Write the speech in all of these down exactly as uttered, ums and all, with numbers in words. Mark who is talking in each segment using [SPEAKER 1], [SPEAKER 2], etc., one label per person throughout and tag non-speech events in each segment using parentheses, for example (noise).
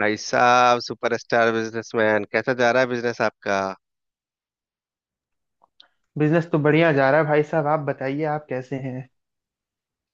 [SPEAKER 1] भाई साहब superstar businessman, कैसा जा रहा है बिजनेस आपका।
[SPEAKER 2] बिजनेस तो बढ़िया जा रहा है भाई साहब, आप बताइए, आप कैसे हैं।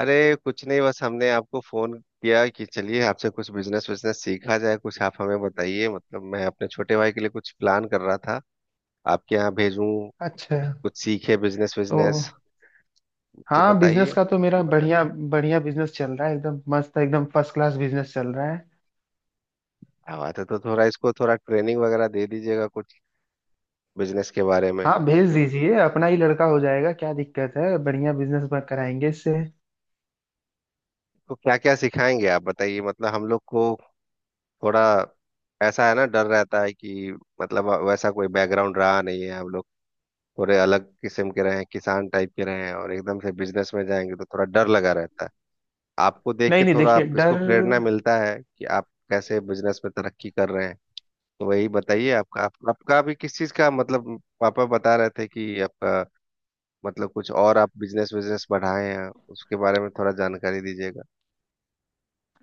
[SPEAKER 1] अरे कुछ नहीं, बस हमने आपको फोन किया कि चलिए आपसे कुछ बिजनेस बिजनेस सीखा जाए। कुछ आप हमें बताइए। मतलब मैं अपने छोटे भाई के लिए कुछ प्लान कर रहा था, आपके यहाँ भेजूं।
[SPEAKER 2] अच्छा।
[SPEAKER 1] कुछ सीखे बिजनेस
[SPEAKER 2] तो
[SPEAKER 1] बिजनेस। मतलब
[SPEAKER 2] हाँ, बिजनेस
[SPEAKER 1] बताइए।
[SPEAKER 2] का तो मेरा बढ़िया बढ़िया बिजनेस चल रहा है, एकदम मस्त, एकदम फर्स्ट क्लास बिजनेस चल रहा है।
[SPEAKER 1] क्या बात है। तो थोड़ा इसको थोड़ा ट्रेनिंग वगैरह दे दीजिएगा कुछ बिजनेस के बारे में।
[SPEAKER 2] हाँ, भेज दीजिए, अपना ही लड़का हो जाएगा, क्या दिक्कत है, बढ़िया बिजनेस कराएंगे इससे।
[SPEAKER 1] तो क्या क्या सिखाएंगे आप बताइए, मतलब हम लोग को। थोड़ा ऐसा है ना, डर रहता है कि मतलब वैसा कोई बैकग्राउंड रहा नहीं है हम लोग। थोड़े अलग किस्म के रहे हैं, किसान टाइप के रहे हैं, और एकदम से बिजनेस में जाएंगे तो थोड़ा डर लगा रहता है। आपको देख
[SPEAKER 2] नहीं
[SPEAKER 1] के
[SPEAKER 2] नहीं,
[SPEAKER 1] थोड़ा
[SPEAKER 2] देखिए
[SPEAKER 1] आप इसको
[SPEAKER 2] डर,
[SPEAKER 1] प्रेरणा मिलता है कि आप कैसे बिजनेस में तरक्की कर रहे हैं। तो वही बताइए आपका आप, आपका भी किस चीज का। मतलब पापा बता रहे थे कि आपका मतलब कुछ और आप बिजनेस बिजनेस बढ़ाए हैं, उसके बारे में थोड़ा जानकारी दीजिएगा।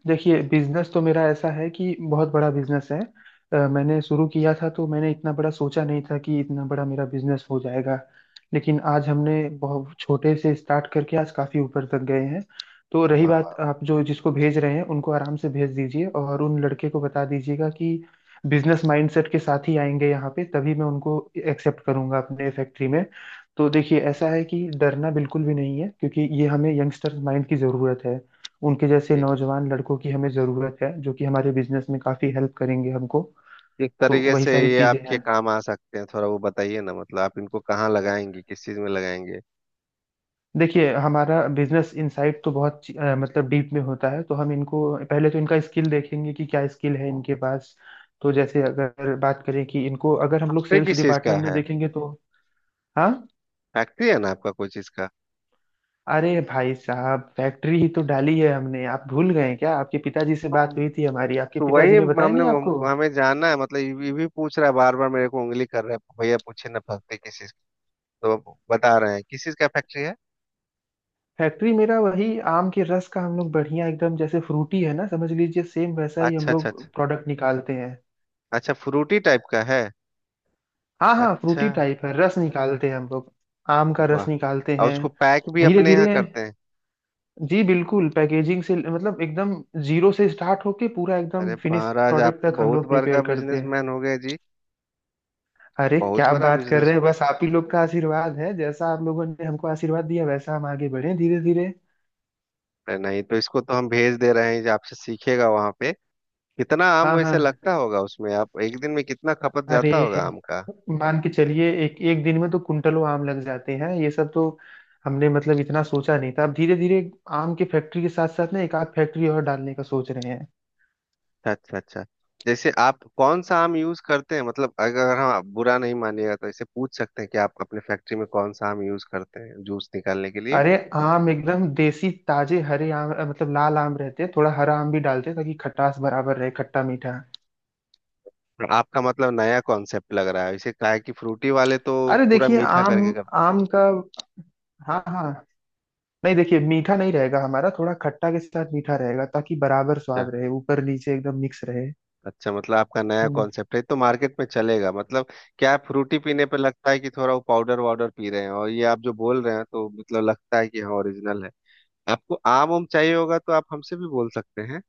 [SPEAKER 2] देखिए बिजनेस तो मेरा ऐसा है कि बहुत बड़ा बिजनेस है। अ, मैंने शुरू किया था तो मैंने इतना बड़ा सोचा नहीं था कि इतना बड़ा मेरा बिजनेस हो जाएगा। लेकिन आज हमने बहुत छोटे से स्टार्ट करके आज काफी ऊपर तक गए हैं। तो रही
[SPEAKER 1] हाँ
[SPEAKER 2] बात
[SPEAKER 1] हाँ,
[SPEAKER 2] आप जो जिसको भेज रहे हैं उनको आराम से भेज दीजिए, और उन लड़के को बता दीजिएगा कि बिजनेस माइंडसेट के साथ ही आएंगे यहाँ पे, तभी मैं उनको एक्सेप्ट करूंगा अपने फैक्ट्री में। तो देखिए, ऐसा है कि डरना बिल्कुल भी नहीं है, क्योंकि ये हमें यंगस्टर्स माइंड की जरूरत है। उनके जैसे
[SPEAKER 1] जी।
[SPEAKER 2] नौजवान लड़कों की हमें ज़रूरत है, जो कि हमारे बिजनेस में काफ़ी हेल्प करेंगे हमको।
[SPEAKER 1] किस
[SPEAKER 2] तो
[SPEAKER 1] तरीके
[SPEAKER 2] वही
[SPEAKER 1] से
[SPEAKER 2] सारी
[SPEAKER 1] ये
[SPEAKER 2] चीज़ें
[SPEAKER 1] आपके
[SPEAKER 2] हैं।
[SPEAKER 1] काम आ सकते हैं, थोड़ा वो बताइए ना। मतलब आप इनको कहाँ लगाएंगे, किस चीज में लगाएंगे।
[SPEAKER 2] देखिए, हमारा बिजनेस इनसाइट तो बहुत ची- अ, मतलब डीप में होता है, तो हम इनको पहले तो इनका स्किल देखेंगे कि क्या स्किल है इनके पास। तो जैसे अगर बात करें कि इनको अगर हम लोग
[SPEAKER 1] फैक्ट्री
[SPEAKER 2] सेल्स
[SPEAKER 1] किस चीज का
[SPEAKER 2] डिपार्टमेंट में
[SPEAKER 1] है।
[SPEAKER 2] देखेंगे तो। हाँ।
[SPEAKER 1] फैक्ट्री है ना आपका कोई चीज
[SPEAKER 2] अरे भाई साहब, फैक्ट्री ही तो डाली है हमने, आप भूल गए क्या? आपके पिताजी से
[SPEAKER 1] का।
[SPEAKER 2] बात हुई थी हमारी, आपके
[SPEAKER 1] तो वही
[SPEAKER 2] पिताजी ने बताया
[SPEAKER 1] हमने
[SPEAKER 2] नहीं आपको?
[SPEAKER 1] हमको हमें जानना है। मतलब ये ये भी पूछ रहा है बार बार, मेरे को उंगली कर रहा है, भैया पूछे ना फैक्ट्री किस चीज की? तो अब बता रहे हैं किस चीज का फैक्ट्री है।
[SPEAKER 2] फैक्ट्री मेरा वही आम के रस का, हम लोग बढ़िया एकदम, जैसे फ्रूटी है ना, समझ लीजिए सेम वैसा ही हम
[SPEAKER 1] अच्छा अच्छा अच्छा।
[SPEAKER 2] लोग प्रोडक्ट निकालते हैं।
[SPEAKER 1] अच्छा, फ्रूटी टाइप का है।
[SPEAKER 2] हाँ हाँ,
[SPEAKER 1] अच्छा।
[SPEAKER 2] फ्रूटी टाइप है, रस निकालते हैं हम लोग। आम का
[SPEAKER 1] वाह।
[SPEAKER 2] रस निकालते
[SPEAKER 1] और
[SPEAKER 2] हैं।
[SPEAKER 1] उसको पैक भी
[SPEAKER 2] धीरे
[SPEAKER 1] अपने यहाँ
[SPEAKER 2] धीरे।
[SPEAKER 1] करते हैं।
[SPEAKER 2] जी बिल्कुल, पैकेजिंग से मतलब एकदम जीरो से स्टार्ट होके पूरा एकदम
[SPEAKER 1] अरे
[SPEAKER 2] फिनिश
[SPEAKER 1] महाराज, आप
[SPEAKER 2] प्रोडक्ट
[SPEAKER 1] तो
[SPEAKER 2] तक हम
[SPEAKER 1] बहुत
[SPEAKER 2] लोग
[SPEAKER 1] बड़ा
[SPEAKER 2] प्रिपेयर करते हैं।
[SPEAKER 1] बिजनेसमैन हो गए जी।
[SPEAKER 2] अरे
[SPEAKER 1] बहुत
[SPEAKER 2] क्या
[SPEAKER 1] बड़ा
[SPEAKER 2] बात कर
[SPEAKER 1] बिजनेस।
[SPEAKER 2] रहे हैं, बस आप ही लोग का आशीर्वाद है, जैसा आप लोगों ने हमको आशीर्वाद दिया वैसा हम आगे बढ़े धीरे धीरे।
[SPEAKER 1] नहीं तो इसको तो हम भेज दे रहे हैं, जो आपसे सीखेगा वहां पे। कितना आम
[SPEAKER 2] हाँ
[SPEAKER 1] वैसे
[SPEAKER 2] हाँ।
[SPEAKER 1] लगता होगा उसमें, आप एक दिन में कितना खपत
[SPEAKER 2] अरे,
[SPEAKER 1] जाता होगा आम का।
[SPEAKER 2] मान के चलिए एक एक दिन में तो कुंटलों आम लग जाते हैं ये सब तो। हमने मतलब इतना सोचा नहीं था, अब धीरे धीरे आम की फैक्ट्री के साथ साथ ना एक आध फैक्ट्री और डालने का सोच रहे हैं।
[SPEAKER 1] अच्छा अच्छा। जैसे आप कौन सा आम यूज करते हैं, मतलब अगर हम, आप बुरा नहीं मानिएगा तो ऐसे पूछ सकते हैं कि आप अपने फैक्ट्री में कौन सा आम यूज करते हैं जूस निकालने के लिए।
[SPEAKER 2] अरे आम एकदम देसी ताजे हरे आम, अ, मतलब लाल आम रहते हैं, थोड़ा हरा आम भी डालते हैं ताकि खटास बराबर रहे, खट्टा मीठा।
[SPEAKER 1] आपका मतलब नया कॉन्सेप्ट लग रहा है। इसे कहा है कि फ्रूटी वाले तो
[SPEAKER 2] अरे
[SPEAKER 1] पूरा
[SPEAKER 2] देखिए
[SPEAKER 1] मीठा
[SPEAKER 2] आम,
[SPEAKER 1] करके करते
[SPEAKER 2] आम का, हाँ हाँ, नहीं देखिए, मीठा नहीं रहेगा हमारा, थोड़ा खट्टा के साथ मीठा रहेगा ताकि बराबर
[SPEAKER 1] हैं।
[SPEAKER 2] स्वाद रहे, ऊपर नीचे एकदम मिक्स रहे।
[SPEAKER 1] अच्छा, मतलब आपका नया
[SPEAKER 2] हम्म।
[SPEAKER 1] कॉन्सेप्ट है तो मार्केट में चलेगा मतलब। क्या, फ्रूटी पीने पे लगता है कि थोड़ा वो पाउडर वाउडर पी रहे हैं, और ये आप जो बोल रहे हैं तो मतलब लगता है कि हाँ, ओरिजिनल है। आपको आम उम चाहिए होगा तो आप हमसे भी बोल सकते हैं।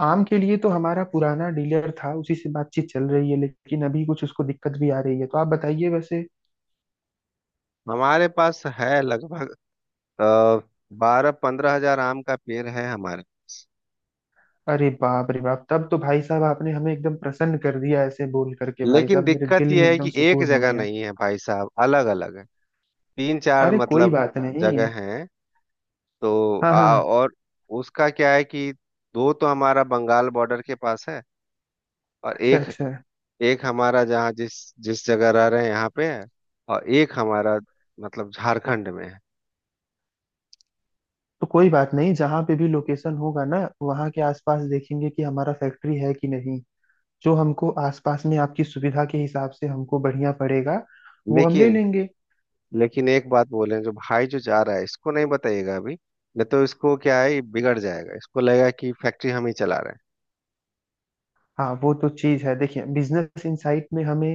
[SPEAKER 2] आम के लिए तो हमारा पुराना डीलर था, उसी से बातचीत चल रही है, लेकिन अभी कुछ उसको दिक्कत भी आ रही है, तो आप बताइए वैसे।
[SPEAKER 1] हमारे पास है लगभग बारह पंद्रह हजार आम का पेड़ है हमारे।
[SPEAKER 2] अरे बाप रे बाप, तब तो भाई साहब आपने हमें एकदम प्रसन्न कर दिया, ऐसे बोल करके भाई
[SPEAKER 1] लेकिन
[SPEAKER 2] साहब मेरे
[SPEAKER 1] दिक्कत
[SPEAKER 2] दिल
[SPEAKER 1] यह
[SPEAKER 2] में
[SPEAKER 1] है
[SPEAKER 2] एकदम
[SPEAKER 1] कि एक
[SPEAKER 2] सुकून हो
[SPEAKER 1] जगह
[SPEAKER 2] गया।
[SPEAKER 1] नहीं है भाई साहब, अलग अलग है। तीन चार
[SPEAKER 2] अरे कोई
[SPEAKER 1] मतलब
[SPEAKER 2] बात नहीं।
[SPEAKER 1] जगह हैं। तो
[SPEAKER 2] हाँ
[SPEAKER 1] आ,
[SPEAKER 2] हाँ।
[SPEAKER 1] और उसका क्या है कि दो तो हमारा बंगाल बॉर्डर के पास है, और
[SPEAKER 2] अच्छा
[SPEAKER 1] एक
[SPEAKER 2] अच्छा।
[SPEAKER 1] एक हमारा जहाँ जिस जिस जगह रह रहे हैं यहाँ पे है। और एक हमारा मतलब झारखंड में है।
[SPEAKER 2] तो कोई बात नहीं, जहाँ पे भी लोकेशन होगा ना वहाँ के आसपास देखेंगे कि हमारा फैक्ट्री है कि नहीं। जो हमको आसपास में आपकी सुविधा के हिसाब से हमको बढ़िया पड़ेगा, वो हम ले
[SPEAKER 1] लेकिन
[SPEAKER 2] लेंगे।
[SPEAKER 1] लेकिन एक बात बोले, जो भाई जो जा रहा है इसको नहीं बताइएगा अभी। नहीं तो इसको क्या है, ये बिगड़ जाएगा, इसको लगेगा कि फैक्ट्री हम ही चला रहे हैं।
[SPEAKER 2] हाँ वो तो चीज है, देखिए बिजनेस इनसाइट में हमें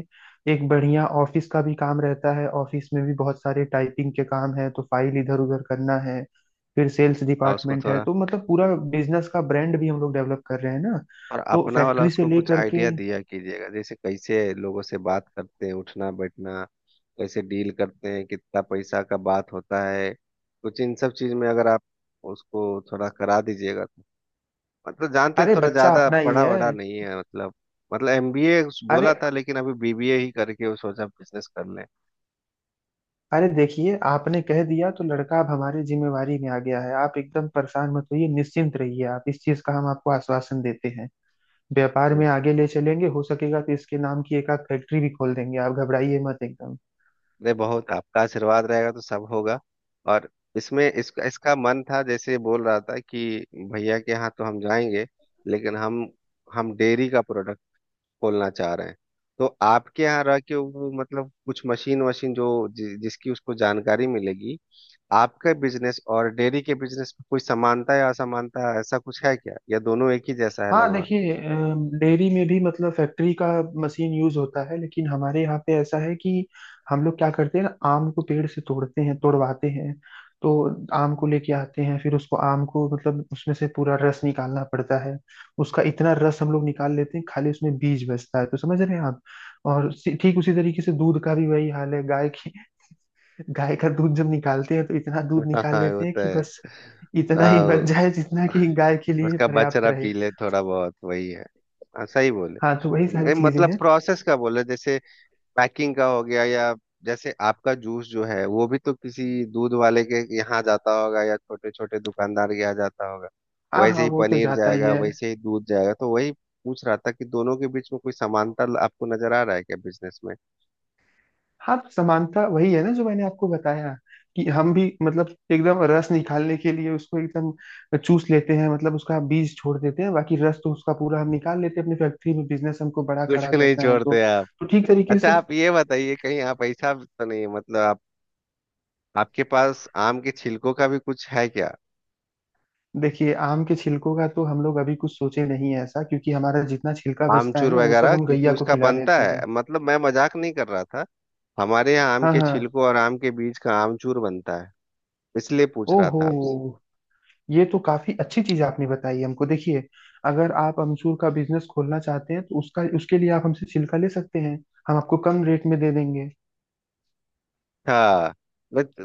[SPEAKER 2] एक बढ़िया ऑफिस का भी काम रहता है, ऑफिस में भी बहुत सारे टाइपिंग के काम है, तो फाइल इधर उधर करना है। फिर सेल्स
[SPEAKER 1] हाँ उसको
[SPEAKER 2] डिपार्टमेंट है,
[SPEAKER 1] थोड़ा,
[SPEAKER 2] तो मतलब पूरा बिजनेस का ब्रांड भी हम लोग डेवलप कर रहे हैं ना।
[SPEAKER 1] और
[SPEAKER 2] तो
[SPEAKER 1] अपना वाला
[SPEAKER 2] फैक्ट्री से
[SPEAKER 1] उसको कुछ
[SPEAKER 2] लेकर के,
[SPEAKER 1] आइडिया दिया कीजिएगा, जैसे कैसे लोगों से बात करते हैं, उठना बैठना, कैसे डील करते हैं, कितना पैसा का बात होता है। कुछ इन सब चीज में अगर आप उसको थोड़ा करा दीजिएगा तो मतलब, जानते हैं,
[SPEAKER 2] अरे
[SPEAKER 1] थोड़ा
[SPEAKER 2] बच्चा
[SPEAKER 1] ज्यादा
[SPEAKER 2] अपना ही
[SPEAKER 1] पढ़ा वढ़ा
[SPEAKER 2] है।
[SPEAKER 1] नहीं है मतलब। मतलब एमबीए बोला
[SPEAKER 2] अरे,
[SPEAKER 1] था लेकिन अभी बीबीए ही करके वो सोचा बिजनेस कर
[SPEAKER 2] अरे देखिए, आपने कह दिया तो लड़का अब हमारी जिम्मेवारी में आ गया है, आप एकदम परेशान मत होइए, निश्चिंत रहिए, आप इस चीज का हम आपको आश्वासन देते हैं। व्यापार
[SPEAKER 1] लें।
[SPEAKER 2] में आगे ले चलेंगे, हो सकेगा तो इसके नाम की एक आध फैक्ट्री भी खोल देंगे, आप घबराइए मत एकदम।
[SPEAKER 1] नहीं, बहुत आपका आशीर्वाद रहेगा तो सब होगा। और इसमें इसका इसका मन था, जैसे बोल रहा था कि भैया के यहाँ तो हम जाएंगे लेकिन हम हम डेयरी का प्रोडक्ट खोलना चाह रहे हैं। तो आपके यहाँ रह के वो मतलब कुछ मशीन वशीन जो जि, जिसकी उसको जानकारी मिलेगी। आपका बिजनेस और डेयरी के बिजनेस में कोई समानता या असमानता, ऐसा कुछ है क्या, या दोनों एक ही जैसा है
[SPEAKER 2] हाँ
[SPEAKER 1] लगभग?
[SPEAKER 2] देखिए अम, डेयरी में भी मतलब फैक्ट्री का मशीन यूज होता है, लेकिन हमारे यहाँ पे ऐसा है कि हम लोग क्या करते हैं ना, आम को पेड़ से तोड़ते हैं, तोड़वाते हैं। तो आम को लेके आते हैं, फिर उसको आम को मतलब उसमें से पूरा रस निकालना पड़ता है। उसका इतना रस हम लोग निकाल लेते हैं, खाली उसमें बीज बचता है, तो समझ रहे हैं आप। और सी- ठीक उसी तरीके से दूध का भी वही हाल है, गाय की, गाय का दूध जब निकालते हैं तो इतना दूध
[SPEAKER 1] (laughs)
[SPEAKER 2] निकाल
[SPEAKER 1] हाँ वो
[SPEAKER 2] लेते हैं
[SPEAKER 1] तो
[SPEAKER 2] कि
[SPEAKER 1] है।
[SPEAKER 2] बस इतना ही
[SPEAKER 1] आओ।
[SPEAKER 2] बच जाए जितना कि गाय के लिए
[SPEAKER 1] उसका
[SPEAKER 2] पर्याप्त
[SPEAKER 1] बचड़ा
[SPEAKER 2] रहे।
[SPEAKER 1] पी ले थोड़ा बहुत, वही है। हाँ, सही बोले।
[SPEAKER 2] हाँ तो वही सारी
[SPEAKER 1] नहीं,
[SPEAKER 2] चीजें
[SPEAKER 1] मतलब
[SPEAKER 2] हैं।
[SPEAKER 1] प्रोसेस का बोले, जैसे पैकिंग का हो गया, या जैसे आपका जूस जो है वो भी तो किसी दूध वाले के यहाँ जाता होगा, या छोटे छोटे दुकानदार के यहाँ जाता होगा।
[SPEAKER 2] हाँ
[SPEAKER 1] वैसे
[SPEAKER 2] हाँ
[SPEAKER 1] ही
[SPEAKER 2] वो तो
[SPEAKER 1] पनीर
[SPEAKER 2] जाता ही
[SPEAKER 1] जाएगा,
[SPEAKER 2] है।
[SPEAKER 1] वैसे ही दूध जाएगा। तो वही पूछ रहा था कि दोनों के बीच में कोई समानता आपको नजर आ रहा है क्या बिजनेस में?
[SPEAKER 2] हाँ तो समानता वही है ना जो मैंने आपको बताया, कि हम भी मतलब एकदम रस निकालने के लिए उसको एकदम चूस लेते हैं, मतलब उसका बीज छोड़ देते हैं, बाकी रस तो उसका पूरा हम निकाल लेते हैं अपनी फैक्ट्री में, बिजनेस हमको बड़ा
[SPEAKER 1] (laughs)
[SPEAKER 2] खड़ा
[SPEAKER 1] कुछ नहीं
[SPEAKER 2] करना है
[SPEAKER 1] छोड़ते
[SPEAKER 2] तो।
[SPEAKER 1] आप।
[SPEAKER 2] तो ठीक तरीके
[SPEAKER 1] अच्छा,
[SPEAKER 2] से,
[SPEAKER 1] आप ये बताइए, कहीं आप ऐसा तो नहीं है, मतलब आप, आपके पास आम के छिलकों का भी कुछ है क्या?
[SPEAKER 2] देखिए आम के छिलकों का तो हम लोग अभी कुछ सोचे नहीं है ऐसा, क्योंकि हमारा जितना छिलका बचता है
[SPEAKER 1] आमचूर
[SPEAKER 2] ना, वो सब
[SPEAKER 1] वगैरह,
[SPEAKER 2] हम
[SPEAKER 1] क्योंकि
[SPEAKER 2] गैया को
[SPEAKER 1] उसका
[SPEAKER 2] खिला
[SPEAKER 1] बनता
[SPEAKER 2] देते
[SPEAKER 1] है,
[SPEAKER 2] हैं।
[SPEAKER 1] मतलब मैं मजाक नहीं कर रहा था। हमारे यहाँ आम
[SPEAKER 2] हाँ
[SPEAKER 1] के
[SPEAKER 2] हाँ।
[SPEAKER 1] छिलकों और आम के बीज का आमचूर बनता है, इसलिए पूछ रहा
[SPEAKER 2] ओहो,
[SPEAKER 1] था आपसे।
[SPEAKER 2] ये तो काफी अच्छी चीज आपने बताई हमको। देखिए, अगर आप अमचूर का बिजनेस खोलना चाहते हैं तो उसका, उसके लिए आप हमसे छिलका ले सकते हैं, हम आपको कम रेट में दे देंगे।
[SPEAKER 1] हाँ। बट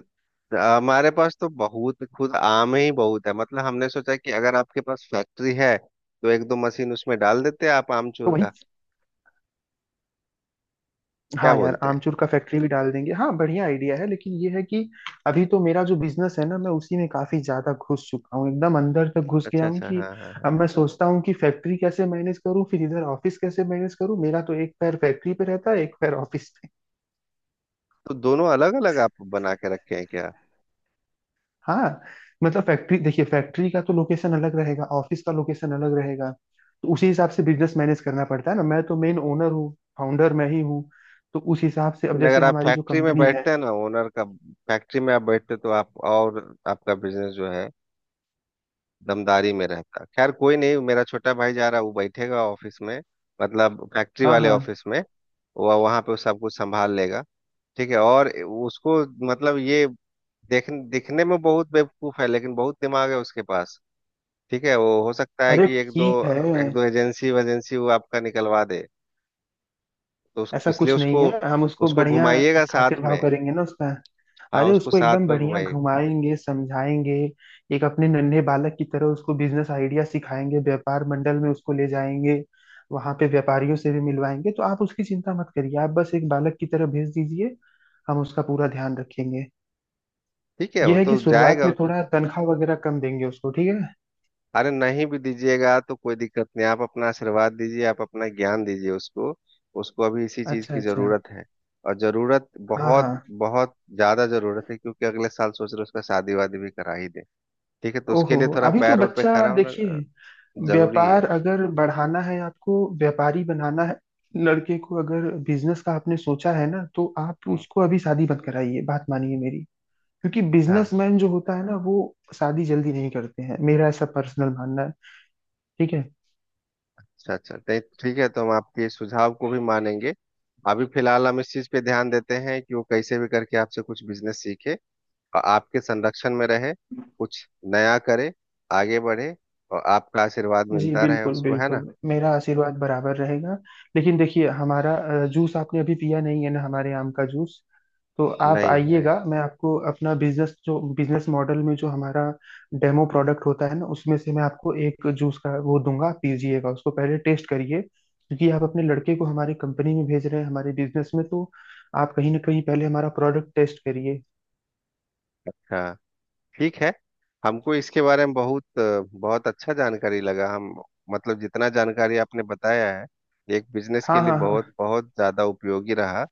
[SPEAKER 1] हमारे पास तो बहुत खुद आम ही बहुत है। मतलब हमने सोचा कि अगर आपके पास फैक्ट्री है तो एक दो मशीन उसमें डाल देते हैं आप
[SPEAKER 2] तो
[SPEAKER 1] आमचूर
[SPEAKER 2] वही,
[SPEAKER 1] का, क्या
[SPEAKER 2] हाँ यार,
[SPEAKER 1] बोलते हैं।
[SPEAKER 2] आमचूर का फैक्ट्री भी डाल देंगे, हाँ बढ़िया आइडिया है, लेकिन ये है कि अभी तो मेरा जो बिजनेस है ना, मैं उसी में काफी ज्यादा घुस चुका हूँ, एकदम अंदर तक घुस
[SPEAKER 1] अच्छा
[SPEAKER 2] गया हूँ
[SPEAKER 1] अच्छा,
[SPEAKER 2] कि
[SPEAKER 1] हाँ हाँ हाँ।
[SPEAKER 2] अब मैं सोचता हूँ कि फैक्ट्री कैसे मैनेज करूँ, फिर इधर ऑफिस कैसे मैनेज करूँ, मेरा तो एक पैर फैक्ट्री पे रहता है, एक पैर ऑफिस पे।
[SPEAKER 1] तो दोनों अलग अलग आप बना के रखे हैं क्या?
[SPEAKER 2] हाँ। मतलब फैक्ट्री, देखिए फैक्ट्री का तो लोकेशन अलग रहेगा, ऑफिस का लोकेशन अलग रहेगा, तो उसी हिसाब से बिजनेस मैनेज करना पड़ता है ना, मैं तो मेन ओनर हूँ, फाउंडर मैं ही हूँ, तो उस हिसाब से अब
[SPEAKER 1] लेकिन
[SPEAKER 2] जैसे
[SPEAKER 1] अगर आप
[SPEAKER 2] हमारी जो
[SPEAKER 1] फैक्ट्री में
[SPEAKER 2] कंपनी है।
[SPEAKER 1] बैठते हैं ना, ओनर का, फैक्ट्री में आप बैठते तो आप और आपका बिजनेस जो है दमदारी में रहता। खैर कोई नहीं, मेरा छोटा भाई जा रहा है, वो बैठेगा ऑफिस में, मतलब फैक्ट्री
[SPEAKER 2] हाँ
[SPEAKER 1] वाले
[SPEAKER 2] हाँ।
[SPEAKER 1] ऑफिस में। वह वहां पे सब कुछ संभाल लेगा। ठीक है और उसको मतलब ये, देख, दिखने में बहुत बेवकूफ है लेकिन बहुत दिमाग है उसके पास। ठीक है, वो हो सकता है
[SPEAKER 2] अरे
[SPEAKER 1] कि एक दो
[SPEAKER 2] ठीक है,
[SPEAKER 1] एक दो एजेंसी वेजेंसी वो आपका निकलवा दे। तो उस,
[SPEAKER 2] ऐसा
[SPEAKER 1] इसलिए
[SPEAKER 2] कुछ नहीं
[SPEAKER 1] उसको,
[SPEAKER 2] है, हम उसको
[SPEAKER 1] उसको
[SPEAKER 2] बढ़िया
[SPEAKER 1] घुमाइएगा साथ
[SPEAKER 2] खातिर भाव
[SPEAKER 1] में।
[SPEAKER 2] करेंगे ना उसका।
[SPEAKER 1] हाँ
[SPEAKER 2] अरे
[SPEAKER 1] उसको
[SPEAKER 2] उसको एकदम
[SPEAKER 1] साथ में
[SPEAKER 2] बढ़िया
[SPEAKER 1] घुमाइएगा।
[SPEAKER 2] घुमाएंगे, समझाएंगे, एक अपने नन्हे बालक की तरह उसको बिजनेस आइडिया सिखाएंगे, व्यापार मंडल में उसको ले जाएंगे, वहां पे व्यापारियों से भी मिलवाएंगे। तो आप उसकी चिंता मत करिए, आप बस एक बालक की तरह भेज दीजिए, हम उसका पूरा ध्यान रखेंगे।
[SPEAKER 1] ठीक है
[SPEAKER 2] यह
[SPEAKER 1] वो
[SPEAKER 2] है कि
[SPEAKER 1] तो
[SPEAKER 2] शुरुआत
[SPEAKER 1] जाएगा।
[SPEAKER 2] में थोड़ा तनख्वाह वगैरह कम देंगे उसको, ठीक है?
[SPEAKER 1] अरे नहीं भी दीजिएगा तो कोई दिक्कत नहीं, आप अपना आशीर्वाद दीजिए, आप अपना ज्ञान दीजिए उसको। उसको अभी इसी चीज
[SPEAKER 2] अच्छा
[SPEAKER 1] की
[SPEAKER 2] अच्छा।
[SPEAKER 1] जरूरत है। और जरूरत,
[SPEAKER 2] हाँ
[SPEAKER 1] बहुत
[SPEAKER 2] हाँ।
[SPEAKER 1] बहुत ज्यादा जरूरत है, क्योंकि अगले साल सोच रहे उसका शादी वादी भी करा ही दे। ठीक है, तो उसके
[SPEAKER 2] ओहो,
[SPEAKER 1] लिए थोड़ा
[SPEAKER 2] अभी तो
[SPEAKER 1] पैर रोड पे
[SPEAKER 2] बच्चा
[SPEAKER 1] खड़ा होना अ,
[SPEAKER 2] देखिए,
[SPEAKER 1] जरूरी
[SPEAKER 2] व्यापार
[SPEAKER 1] है।
[SPEAKER 2] अगर बढ़ाना है, आपको व्यापारी बनाना है लड़के को, अगर बिजनेस का आपने सोचा है ना, तो आप
[SPEAKER 1] हाँ
[SPEAKER 2] उसको अभी शादी मत कराइए, बात मानिए मेरी, क्योंकि
[SPEAKER 1] हाँ।
[SPEAKER 2] बिजनेसमैन जो होता है ना वो शादी जल्दी नहीं करते हैं, मेरा ऐसा पर्सनल मानना है। ठीक है।
[SPEAKER 1] अच्छा अच्छा, नहीं, ठीक है, तो हम आपके इस सुझाव को भी मानेंगे। अभी फिलहाल हम इस चीज पे ध्यान देते हैं कि वो कैसे भी करके आपसे कुछ बिजनेस सीखे और आपके संरक्षण में रहे, कुछ नया करे, आगे बढ़े, और आपका आशीर्वाद
[SPEAKER 2] जी
[SPEAKER 1] मिलता रहे
[SPEAKER 2] बिल्कुल
[SPEAKER 1] उसको, है
[SPEAKER 2] बिल्कुल,
[SPEAKER 1] ना।
[SPEAKER 2] मेरा आशीर्वाद बराबर रहेगा। लेकिन देखिए हमारा अ, जूस आपने अभी पिया नहीं है ना, हमारे आम का जूस। तो आप
[SPEAKER 1] नहीं नहीं।
[SPEAKER 2] आइएगा, मैं आपको अपना बिजनेस, जो बिजनेस मॉडल में जो हमारा डेमो प्रोडक्ट होता है ना, उसमें से मैं आपको एक जूस का वो दूंगा, आप पीजिएगा उसको, पहले टेस्ट करिए, क्योंकि आप अपने लड़के को हमारी कंपनी में भेज रहे हैं हमारे बिजनेस में, तो आप कहीं ना कहीं पहले हमारा प्रोडक्ट टेस्ट करिए।
[SPEAKER 1] अच्छा, ठीक है। हमको इसके बारे में बहुत बहुत अच्छा जानकारी लगा। हम मतलब जितना जानकारी आपने बताया है, एक बिजनेस के
[SPEAKER 2] हाँ
[SPEAKER 1] लिए
[SPEAKER 2] हाँ
[SPEAKER 1] बहुत
[SPEAKER 2] हाँ।
[SPEAKER 1] बहुत ज़्यादा उपयोगी रहा।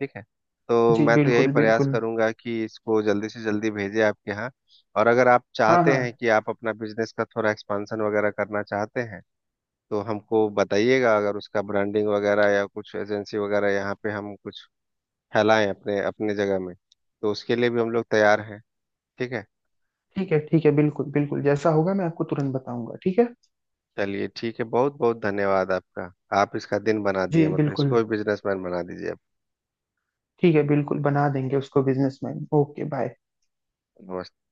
[SPEAKER 1] ठीक है, तो
[SPEAKER 2] जी
[SPEAKER 1] मैं तो यही
[SPEAKER 2] बिल्कुल
[SPEAKER 1] प्रयास
[SPEAKER 2] बिल्कुल।
[SPEAKER 1] करूंगा कि इसको जल्दी से जल्दी भेजे आपके यहाँ। और अगर आप
[SPEAKER 2] हाँ
[SPEAKER 1] चाहते हैं
[SPEAKER 2] हाँ।
[SPEAKER 1] कि आप अपना बिजनेस का थोड़ा एक्सपांशन वगैरह करना चाहते हैं तो हमको बताइएगा, अगर उसका ब्रांडिंग वगैरह या कुछ एजेंसी वगैरह यहाँ पे हम कुछ फैलाएं अपने अपने जगह में, तो उसके लिए भी हम लोग तैयार हैं। ठीक है।
[SPEAKER 2] ठीक है ठीक है, बिल्कुल बिल्कुल, जैसा होगा मैं आपको तुरंत बताऊंगा, ठीक है।
[SPEAKER 1] चलिए ठीक है, बहुत बहुत धन्यवाद आपका। आप इसका दिन बना दिए,
[SPEAKER 2] जी
[SPEAKER 1] मतलब
[SPEAKER 2] बिल्कुल।
[SPEAKER 1] इसको भी बिजनेसमैन बना दीजिए आप।
[SPEAKER 2] ठीक है, बिल्कुल बना देंगे उसको बिजनेसमैन। Okay bye.
[SPEAKER 1] नमस्ते।